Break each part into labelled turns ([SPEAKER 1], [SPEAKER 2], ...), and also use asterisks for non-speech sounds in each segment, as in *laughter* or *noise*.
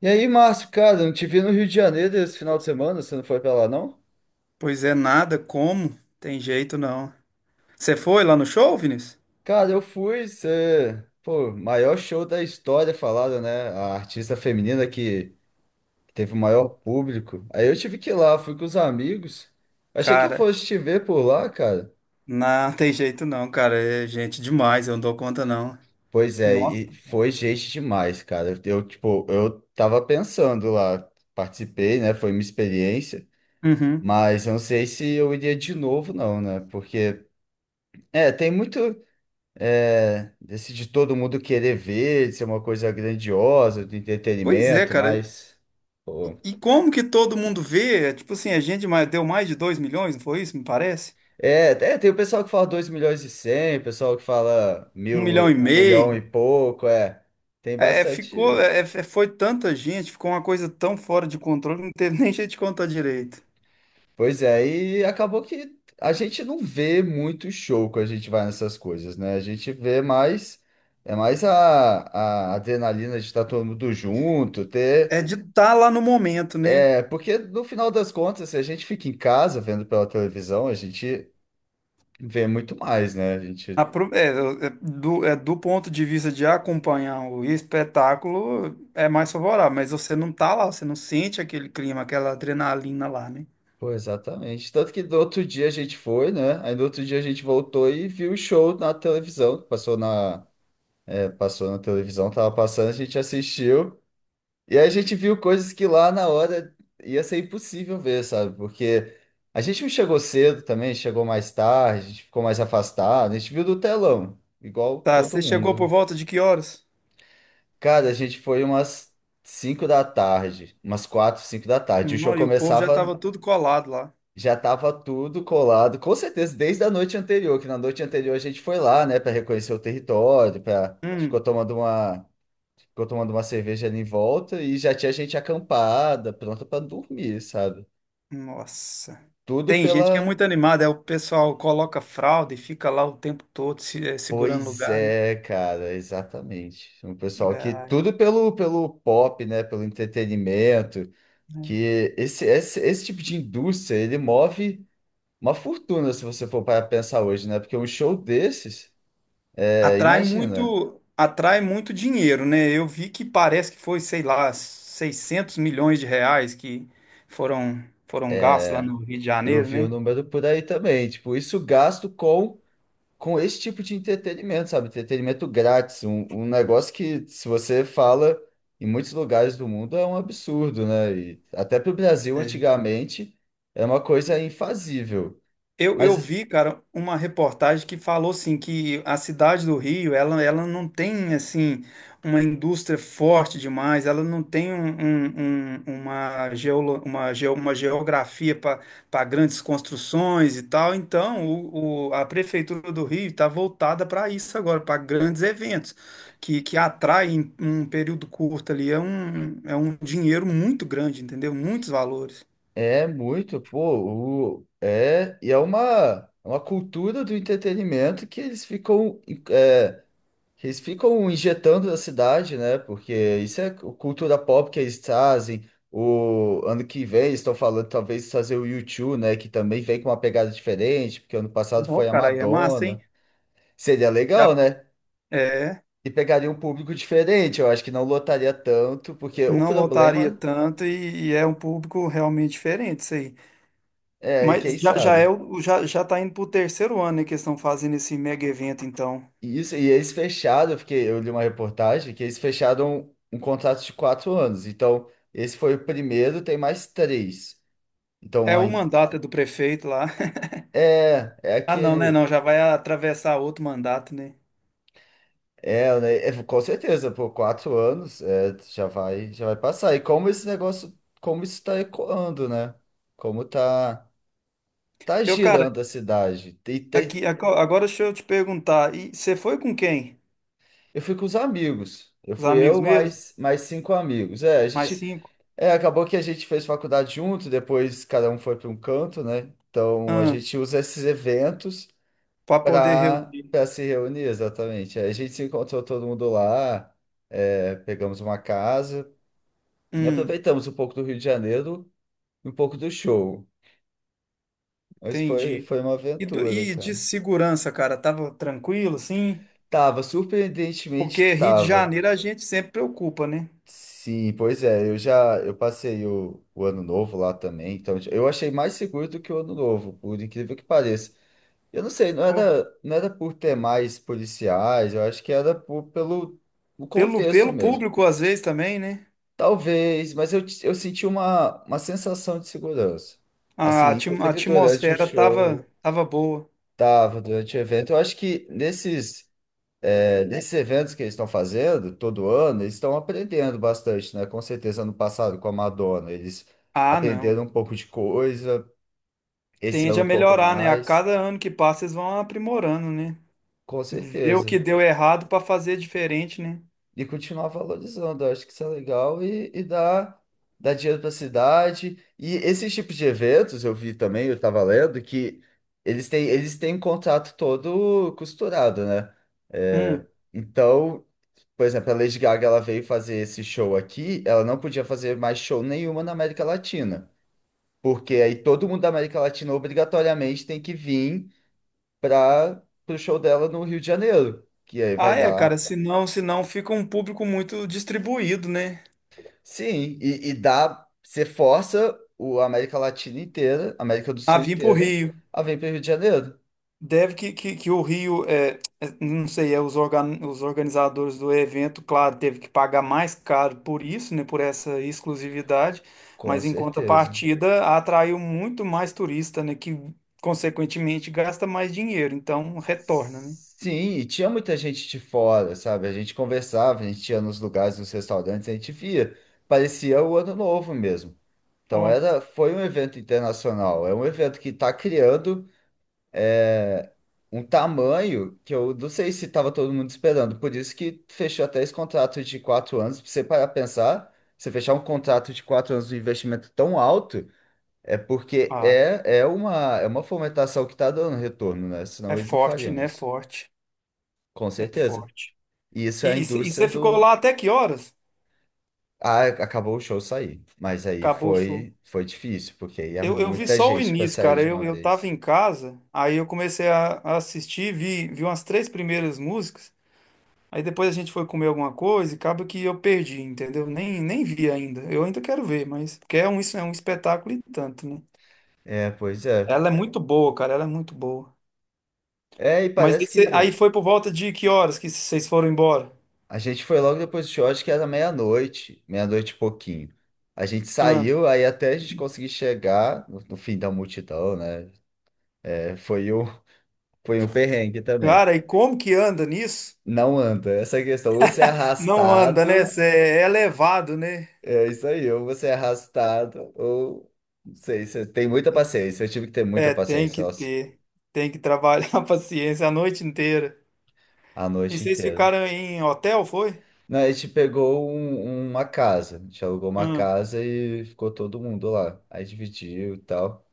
[SPEAKER 1] E aí, Márcio, cara, eu não te vi no Rio de Janeiro esse final de semana, você não foi pra lá, não?
[SPEAKER 2] Pois é, nada, como? Tem jeito não. Você foi lá no show, Vinícius?
[SPEAKER 1] Cara, eu fui, você... Pô, maior show da história falada, né? A artista feminina que teve o maior público. Aí eu tive que ir lá, fui com os amigos. Achei que eu
[SPEAKER 2] Cara,
[SPEAKER 1] fosse te ver por lá, cara.
[SPEAKER 2] não *laughs* tem jeito não, cara. É gente demais, eu não dou conta não.
[SPEAKER 1] Pois é,
[SPEAKER 2] Nossa.
[SPEAKER 1] e foi gente demais, cara. Eu, tipo, eu tava pensando lá, participei, né? Foi minha experiência.
[SPEAKER 2] Uhum.
[SPEAKER 1] Mas eu não sei se eu iria de novo, não, né? Porque, tem muito. É, desse de todo mundo querer ver, de ser uma coisa grandiosa, de
[SPEAKER 2] Pois é,
[SPEAKER 1] entretenimento,
[SPEAKER 2] cara.
[SPEAKER 1] mas pô.
[SPEAKER 2] E como que todo mundo vê? É, tipo assim, a gente deu mais de 2 milhões, não foi isso? Me parece?
[SPEAKER 1] É, é, tem o pessoal que fala 2 milhões e cem, o pessoal que fala
[SPEAKER 2] Um
[SPEAKER 1] mil,
[SPEAKER 2] milhão e
[SPEAKER 1] e- um milhão e
[SPEAKER 2] meio.
[SPEAKER 1] pouco, é. Tem
[SPEAKER 2] Ficou,
[SPEAKER 1] bastante.
[SPEAKER 2] foi tanta gente, ficou uma coisa tão fora de controle, não teve *laughs* nem jeito de contar direito.
[SPEAKER 1] Pois é, e acabou que a gente não vê muito show quando a gente vai nessas coisas, né? A gente vê mais. É mais a adrenalina de estar todo mundo junto,
[SPEAKER 2] É
[SPEAKER 1] ter.
[SPEAKER 2] de estar lá no momento, né?
[SPEAKER 1] É, porque no final das contas, se a gente fica em casa vendo pela televisão, a gente vê muito mais, né? A
[SPEAKER 2] A
[SPEAKER 1] gente.
[SPEAKER 2] é, é, do ponto de vista de acompanhar o espetáculo, é mais favorável, mas você não tá lá, você não sente aquele clima, aquela adrenalina lá, né?
[SPEAKER 1] Pô, exatamente. Tanto que no outro dia a gente foi, né? Aí no outro dia a gente voltou e viu o show na televisão. Passou na, passou na televisão, tava passando, a gente assistiu. E aí a gente viu coisas que lá na hora ia ser impossível ver, sabe? Porque a gente não chegou cedo também, chegou mais tarde, a gente ficou mais afastado, a gente viu do telão, igual
[SPEAKER 2] Tá,
[SPEAKER 1] todo
[SPEAKER 2] você chegou
[SPEAKER 1] mundo, né?
[SPEAKER 2] por volta de que horas?
[SPEAKER 1] Cara, a gente foi umas 5 da tarde, umas 4, 5 da tarde. O show
[SPEAKER 2] Não, e o povo já
[SPEAKER 1] começava,
[SPEAKER 2] tava tudo colado lá.
[SPEAKER 1] já tava tudo colado, com certeza desde a noite anterior, que na noite anterior a gente foi lá, né, para reconhecer o território, para
[SPEAKER 2] Hum,
[SPEAKER 1] ficou tomando uma cerveja ali em volta e já tinha gente acampada, pronta para dormir, sabe?
[SPEAKER 2] nossa.
[SPEAKER 1] Tudo
[SPEAKER 2] Tem gente que é
[SPEAKER 1] pela...
[SPEAKER 2] muito animada, é o pessoal coloca fralda e fica lá o tempo todo se, é, segurando
[SPEAKER 1] Pois
[SPEAKER 2] lugar, né?
[SPEAKER 1] é, cara, exatamente. Um pessoal que tudo pelo pop, né, pelo entretenimento.
[SPEAKER 2] É.
[SPEAKER 1] Que esse tipo de indústria, ele move uma fortuna, se você for para pensar hoje, né? Porque um show desses, imagina,
[SPEAKER 2] Atrai muito dinheiro, né? Eu vi que parece que foi, sei lá, 600 milhões de reais que foram foram gastos lá no Rio de
[SPEAKER 1] eu
[SPEAKER 2] Janeiro,
[SPEAKER 1] vi o
[SPEAKER 2] né?
[SPEAKER 1] número por aí também, tipo, isso gasto com esse tipo de entretenimento, sabe? Entretenimento grátis, um negócio que, se você fala em muitos lugares do mundo, é um absurdo, né? E até para o Brasil,
[SPEAKER 2] É.
[SPEAKER 1] antigamente, era uma coisa infazível.
[SPEAKER 2] Eu
[SPEAKER 1] Mas
[SPEAKER 2] vi, cara, uma reportagem que falou assim que a cidade do Rio, ela não tem assim uma indústria forte demais, ela não tem uma geografia para grandes construções e tal. Então, a prefeitura do Rio está voltada para isso agora, para grandes eventos que atraem em um período curto ali. É um dinheiro muito grande, entendeu? Muitos valores.
[SPEAKER 1] é muito, pô, é, e é uma cultura do entretenimento que eles ficam, é, que eles ficam injetando na cidade, né? Porque isso é cultura pop que eles trazem. O ano que vem eles estão falando talvez trazer o U2, né? Que também vem com uma pegada diferente, porque ano passado
[SPEAKER 2] Ó,
[SPEAKER 1] foi a
[SPEAKER 2] cara, aí é massa, hein?
[SPEAKER 1] Madonna. Seria
[SPEAKER 2] Já,
[SPEAKER 1] legal, né?
[SPEAKER 2] é.
[SPEAKER 1] E pegaria um público diferente, eu acho que não lotaria tanto, porque o
[SPEAKER 2] Não lotaria
[SPEAKER 1] problema
[SPEAKER 2] tanto e é um público realmente diferente isso aí.
[SPEAKER 1] é, e quem
[SPEAKER 2] Mas já, já é
[SPEAKER 1] sabe?
[SPEAKER 2] já, já tá indo pro terceiro ano, né, que eles estão fazendo esse mega evento, então.
[SPEAKER 1] Isso, e eles fecharam, eu fiquei, eu li uma reportagem que eles fecharam um contrato de 4 anos. Então, esse foi o primeiro, tem mais três.
[SPEAKER 2] É
[SPEAKER 1] Então,
[SPEAKER 2] o
[SPEAKER 1] aí-
[SPEAKER 2] mandato do prefeito lá. *laughs*
[SPEAKER 1] é, é
[SPEAKER 2] Ah, não, né?
[SPEAKER 1] aquele.
[SPEAKER 2] Não, já vai atravessar outro mandato, né?
[SPEAKER 1] É, né, é, com certeza, por 4 anos é, já vai passar. E como esse negócio, como isso está ecoando, né? Como tá, tá
[SPEAKER 2] Eu, cara,
[SPEAKER 1] girando a cidade. Tem, tem,
[SPEAKER 2] aqui, agora deixa eu te perguntar, e você foi com quem?
[SPEAKER 1] eu fui com os amigos. Eu
[SPEAKER 2] Os
[SPEAKER 1] fui
[SPEAKER 2] amigos
[SPEAKER 1] eu
[SPEAKER 2] mesmo?
[SPEAKER 1] mais, mais 5 amigos. É, a
[SPEAKER 2] Mais
[SPEAKER 1] gente.
[SPEAKER 2] cinco?
[SPEAKER 1] É, acabou que a gente fez faculdade junto, depois cada um foi para um canto, né? Então a
[SPEAKER 2] Ah,
[SPEAKER 1] gente usa esses eventos
[SPEAKER 2] pra poder
[SPEAKER 1] para
[SPEAKER 2] reunir.
[SPEAKER 1] para se reunir, exatamente. Aí a gente se encontrou todo mundo lá, pegamos uma casa e
[SPEAKER 2] Hum,
[SPEAKER 1] aproveitamos um pouco do Rio de Janeiro e um pouco do show. Mas foi,
[SPEAKER 2] entendi.
[SPEAKER 1] foi uma
[SPEAKER 2] E, do-
[SPEAKER 1] aventura,
[SPEAKER 2] e de
[SPEAKER 1] cara.
[SPEAKER 2] segurança, cara, tava tranquilo, sim?
[SPEAKER 1] Tava,
[SPEAKER 2] Porque
[SPEAKER 1] surpreendentemente
[SPEAKER 2] Rio de
[SPEAKER 1] tava.
[SPEAKER 2] Janeiro a gente sempre preocupa, né?
[SPEAKER 1] Sim, pois é, eu já eu passei o ano novo lá também, então eu achei mais seguro do que o ano novo, por incrível que pareça. Eu não sei, não
[SPEAKER 2] Pô,
[SPEAKER 1] era, não era por ter mais policiais, eu acho que era por, pelo o
[SPEAKER 2] Pelo,
[SPEAKER 1] contexto
[SPEAKER 2] pelo
[SPEAKER 1] mesmo.
[SPEAKER 2] público, às vezes, também, né?
[SPEAKER 1] Talvez, mas eu senti uma sensação de segurança.
[SPEAKER 2] A,
[SPEAKER 1] Assim,
[SPEAKER 2] atim- a
[SPEAKER 1] inclusive durante o
[SPEAKER 2] atmosfera
[SPEAKER 1] show,
[SPEAKER 2] tava boa.
[SPEAKER 1] tava, durante o evento. Eu acho que nesses, nesses eventos que eles estão fazendo, todo ano, eles estão aprendendo bastante, né? Com certeza, ano passado, com a Madonna, eles
[SPEAKER 2] Ah, não.
[SPEAKER 1] aprenderam um pouco de coisa, esse
[SPEAKER 2] Tende
[SPEAKER 1] ano um
[SPEAKER 2] a
[SPEAKER 1] pouco
[SPEAKER 2] melhorar, né? A
[SPEAKER 1] mais,
[SPEAKER 2] cada ano que passa, eles vão aprimorando, né?
[SPEAKER 1] com
[SPEAKER 2] Ver o
[SPEAKER 1] certeza.
[SPEAKER 2] que deu errado para fazer diferente, né?
[SPEAKER 1] E continuar valorizando. Eu acho que isso é legal e dá, dá dinheiro para a cidade. E esses tipos de eventos, eu vi também, eu estava lendo, que eles têm um contrato todo costurado, né? É,
[SPEAKER 2] Hum.
[SPEAKER 1] então, por exemplo, a Lady Gaga ela veio fazer esse show aqui, ela não podia fazer mais show nenhuma na América Latina. Porque aí todo mundo da América Latina obrigatoriamente tem que vir para o show dela no Rio de Janeiro, que aí vai
[SPEAKER 2] Ah, é, cara.
[SPEAKER 1] dar.
[SPEAKER 2] Senão fica um público muito distribuído, né?
[SPEAKER 1] Sim, e dá, você força o a América Latina inteira, a América do
[SPEAKER 2] Ah,
[SPEAKER 1] Sul
[SPEAKER 2] vim pro
[SPEAKER 1] inteira,
[SPEAKER 2] Rio.
[SPEAKER 1] a vir para o Rio de Janeiro.
[SPEAKER 2] Deve que, que o Rio, não sei, os organizadores do evento, claro, teve que pagar mais caro por isso, né, por essa exclusividade,
[SPEAKER 1] Com
[SPEAKER 2] mas em
[SPEAKER 1] certeza.
[SPEAKER 2] contrapartida atraiu muito mais turista, né, que consequentemente gasta mais dinheiro, então retorna, né?
[SPEAKER 1] Sim, e tinha muita gente de fora, sabe? A gente conversava, a gente ia nos lugares, nos restaurantes, a gente via. Parecia o Ano Novo mesmo.
[SPEAKER 2] Ó,
[SPEAKER 1] Então era, foi um evento internacional, é um evento que está criando é, um tamanho que eu não sei se estava todo mundo esperando. Por isso que fechou até esse contrato de 4 anos. Pra você parar pra pensar, você fechar um contrato de quatro anos de investimento tão alto é porque
[SPEAKER 2] ah,
[SPEAKER 1] é, é uma fomentação que está dando retorno, né?
[SPEAKER 2] é
[SPEAKER 1] Senão eles não
[SPEAKER 2] forte,
[SPEAKER 1] fariam
[SPEAKER 2] né? É
[SPEAKER 1] isso.
[SPEAKER 2] forte,
[SPEAKER 1] Com
[SPEAKER 2] é
[SPEAKER 1] certeza.
[SPEAKER 2] forte.
[SPEAKER 1] E isso é a
[SPEAKER 2] E
[SPEAKER 1] indústria
[SPEAKER 2] você ficou
[SPEAKER 1] do.
[SPEAKER 2] lá até que horas?
[SPEAKER 1] Ah, acabou o show sair. Mas aí
[SPEAKER 2] Acabou o show.
[SPEAKER 1] foi, foi difícil, porque aí é
[SPEAKER 2] Eu vi
[SPEAKER 1] muita
[SPEAKER 2] só o
[SPEAKER 1] gente para
[SPEAKER 2] início,
[SPEAKER 1] sair
[SPEAKER 2] cara.
[SPEAKER 1] de
[SPEAKER 2] Eu,
[SPEAKER 1] uma
[SPEAKER 2] eu tava
[SPEAKER 1] vez.
[SPEAKER 2] em casa, aí eu comecei a assistir, vi umas três primeiras músicas. Aí depois a gente foi comer alguma coisa e acaba que eu perdi, entendeu? Nem vi ainda. Eu ainda quero ver, mas porque isso é um espetáculo e tanto, né?
[SPEAKER 1] É, pois é.
[SPEAKER 2] Ela é muito boa, cara. Ela é muito boa.
[SPEAKER 1] É, e
[SPEAKER 2] Mas aí,
[SPEAKER 1] parece
[SPEAKER 2] aí
[SPEAKER 1] que...
[SPEAKER 2] foi por volta de que horas que vocês foram embora?
[SPEAKER 1] A gente foi logo depois do show, acho que era meia-noite, meia-noite e pouquinho. A gente
[SPEAKER 2] Ah,
[SPEAKER 1] saiu, aí até a gente conseguir chegar no, no fim da multidão, né? É, foi um, *laughs* foi um perrengue também.
[SPEAKER 2] cara, e como que anda nisso?
[SPEAKER 1] Não anda, essa é a questão. Ou você é
[SPEAKER 2] Não anda, né?
[SPEAKER 1] arrastado,
[SPEAKER 2] Cê é elevado, né?
[SPEAKER 1] é isso aí, ou você é arrastado, ou não sei, você tem muita paciência. Eu tive que ter muita
[SPEAKER 2] É, tem
[SPEAKER 1] paciência,
[SPEAKER 2] que
[SPEAKER 1] nossa,
[SPEAKER 2] ter. Tem que trabalhar *laughs* a paciência a noite inteira.
[SPEAKER 1] a
[SPEAKER 2] E
[SPEAKER 1] noite
[SPEAKER 2] vocês
[SPEAKER 1] inteira.
[SPEAKER 2] ficaram em hotel, foi?
[SPEAKER 1] Não, a gente pegou uma casa, a gente alugou uma
[SPEAKER 2] Hum.
[SPEAKER 1] casa e ficou todo mundo lá. Aí dividiu e tal,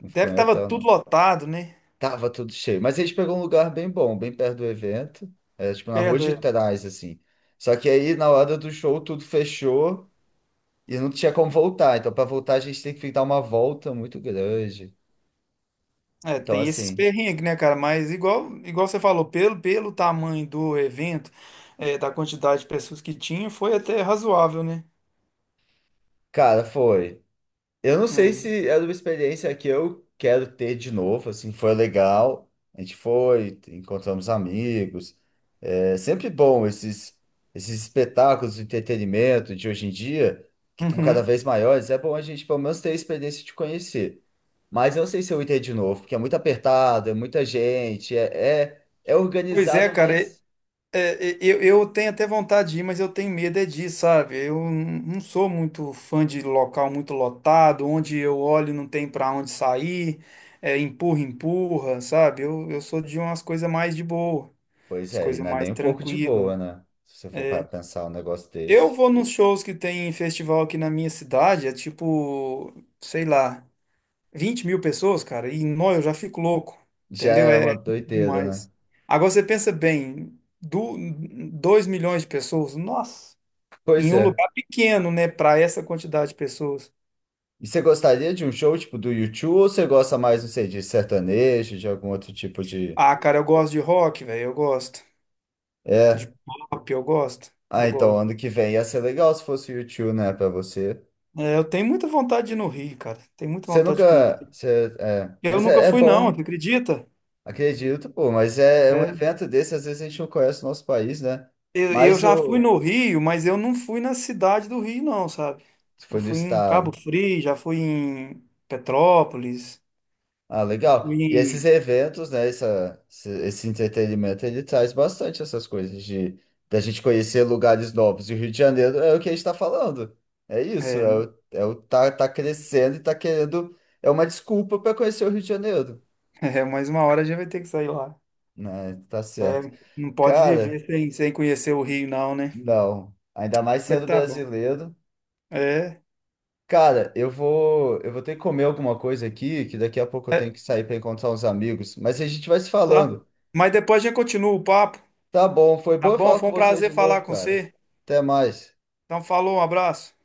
[SPEAKER 1] não ficou
[SPEAKER 2] Deve que
[SPEAKER 1] em
[SPEAKER 2] tava
[SPEAKER 1] hotel,
[SPEAKER 2] tudo
[SPEAKER 1] não.
[SPEAKER 2] lotado, né?
[SPEAKER 1] Tava tudo cheio. Mas a gente pegou um lugar bem bom, bem perto do evento. É, tipo, na rua de
[SPEAKER 2] Perda.
[SPEAKER 1] trás, assim. Só que aí, na hora do show, tudo fechou e não tinha como voltar. Então, para voltar, a gente tem que dar uma volta muito grande.
[SPEAKER 2] É,
[SPEAKER 1] Então,
[SPEAKER 2] tem esses
[SPEAKER 1] assim,
[SPEAKER 2] perrengues, né, cara? Mas igual você falou, pelo tamanho do evento, da quantidade de pessoas que tinha, foi até razoável, né?
[SPEAKER 1] cara, foi. Eu não sei
[SPEAKER 2] É.
[SPEAKER 1] se era uma experiência que eu quero ter de novo, assim, foi legal. A gente foi, encontramos amigos. É sempre bom esses, esses espetáculos de entretenimento de hoje em dia, que estão cada
[SPEAKER 2] Uhum.
[SPEAKER 1] vez maiores. É bom a gente, pelo menos, ter a experiência de conhecer. Mas eu não sei se eu iria de novo, porque é muito apertado, é muita gente, é, é, é
[SPEAKER 2] Pois é,
[SPEAKER 1] organizado,
[SPEAKER 2] cara.
[SPEAKER 1] mas.
[SPEAKER 2] É, eu tenho até vontade de ir, mas eu tenho medo é disso, sabe? Eu não sou muito fã de local muito lotado, onde eu olho e não tem para onde sair, é, empurra, empurra, sabe? Eu sou de umas coisas mais de boa,
[SPEAKER 1] Pois
[SPEAKER 2] as
[SPEAKER 1] é, e
[SPEAKER 2] coisas
[SPEAKER 1] não é
[SPEAKER 2] mais
[SPEAKER 1] nem um pouco de
[SPEAKER 2] tranquilas.
[SPEAKER 1] boa, né? Se você for para pensar um negócio
[SPEAKER 2] Eu
[SPEAKER 1] desse.
[SPEAKER 2] vou nos shows que tem em festival aqui na minha cidade, é tipo, sei lá, 20 mil pessoas, cara, e nó, eu já fico louco,
[SPEAKER 1] Já
[SPEAKER 2] entendeu?
[SPEAKER 1] é uma
[SPEAKER 2] É
[SPEAKER 1] doideira, né?
[SPEAKER 2] demais. Agora você pensa bem, do, 2 milhões de pessoas, nossa.
[SPEAKER 1] Pois
[SPEAKER 2] Em um
[SPEAKER 1] é.
[SPEAKER 2] lugar pequeno, né, pra essa quantidade de pessoas.
[SPEAKER 1] E você gostaria de um show tipo do YouTube ou você gosta mais, não sei, de sertanejo, de algum outro tipo de.
[SPEAKER 2] Ah, cara, eu gosto de rock, velho, eu gosto. De
[SPEAKER 1] É.
[SPEAKER 2] pop, eu gosto,
[SPEAKER 1] Ah,
[SPEAKER 2] eu
[SPEAKER 1] então,
[SPEAKER 2] gosto.
[SPEAKER 1] ano que vem ia ser legal se fosse o U2, né, pra você.
[SPEAKER 2] É, eu tenho muita vontade de ir no Rio, cara. Tenho muita
[SPEAKER 1] Você
[SPEAKER 2] vontade de
[SPEAKER 1] nunca.
[SPEAKER 2] conhecer.
[SPEAKER 1] Você, é,
[SPEAKER 2] Eu
[SPEAKER 1] mas
[SPEAKER 2] nunca
[SPEAKER 1] é, é
[SPEAKER 2] fui, não,
[SPEAKER 1] bom,
[SPEAKER 2] tu acredita?
[SPEAKER 1] acredito, pô. Mas é, é um
[SPEAKER 2] É,
[SPEAKER 1] evento desse, às vezes a gente não conhece o nosso país, né?
[SPEAKER 2] eu
[SPEAKER 1] Mas
[SPEAKER 2] já fui
[SPEAKER 1] o.
[SPEAKER 2] no Rio, mas eu não fui na cidade do Rio, não, sabe?
[SPEAKER 1] Se
[SPEAKER 2] Eu
[SPEAKER 1] for do
[SPEAKER 2] fui em Cabo
[SPEAKER 1] estado.
[SPEAKER 2] Frio, já fui em Petrópolis,
[SPEAKER 1] Ah,
[SPEAKER 2] fui
[SPEAKER 1] legal. E esses
[SPEAKER 2] em...
[SPEAKER 1] eventos, né, essa, esse entretenimento, ele traz bastante essas coisas de da gente conhecer lugares novos. E o Rio de Janeiro é o que a gente tá falando. É isso, é
[SPEAKER 2] É,
[SPEAKER 1] o, é o tá, tá crescendo e tá querendo. É uma desculpa para conhecer o Rio de Janeiro.
[SPEAKER 2] *laughs* mais uma hora a gente vai ter que sair lá.
[SPEAKER 1] Né? Tá certo.
[SPEAKER 2] Não pode
[SPEAKER 1] Cara,
[SPEAKER 2] viver sem conhecer o Rio, não, né?
[SPEAKER 1] não. Ainda mais
[SPEAKER 2] Mas
[SPEAKER 1] sendo
[SPEAKER 2] tá bom.
[SPEAKER 1] brasileiro.
[SPEAKER 2] É.
[SPEAKER 1] Cara, eu vou ter que comer alguma coisa aqui, que daqui a pouco eu tenho que sair para encontrar uns amigos. Mas a gente vai se
[SPEAKER 2] Tá?
[SPEAKER 1] falando.
[SPEAKER 2] Mas depois a gente continua o papo,
[SPEAKER 1] Tá bom, foi
[SPEAKER 2] tá
[SPEAKER 1] bom eu
[SPEAKER 2] bom?
[SPEAKER 1] falar
[SPEAKER 2] Foi
[SPEAKER 1] com
[SPEAKER 2] um
[SPEAKER 1] você de
[SPEAKER 2] prazer falar
[SPEAKER 1] novo,
[SPEAKER 2] com
[SPEAKER 1] cara.
[SPEAKER 2] você.
[SPEAKER 1] Até mais.
[SPEAKER 2] Então, falou, um abraço.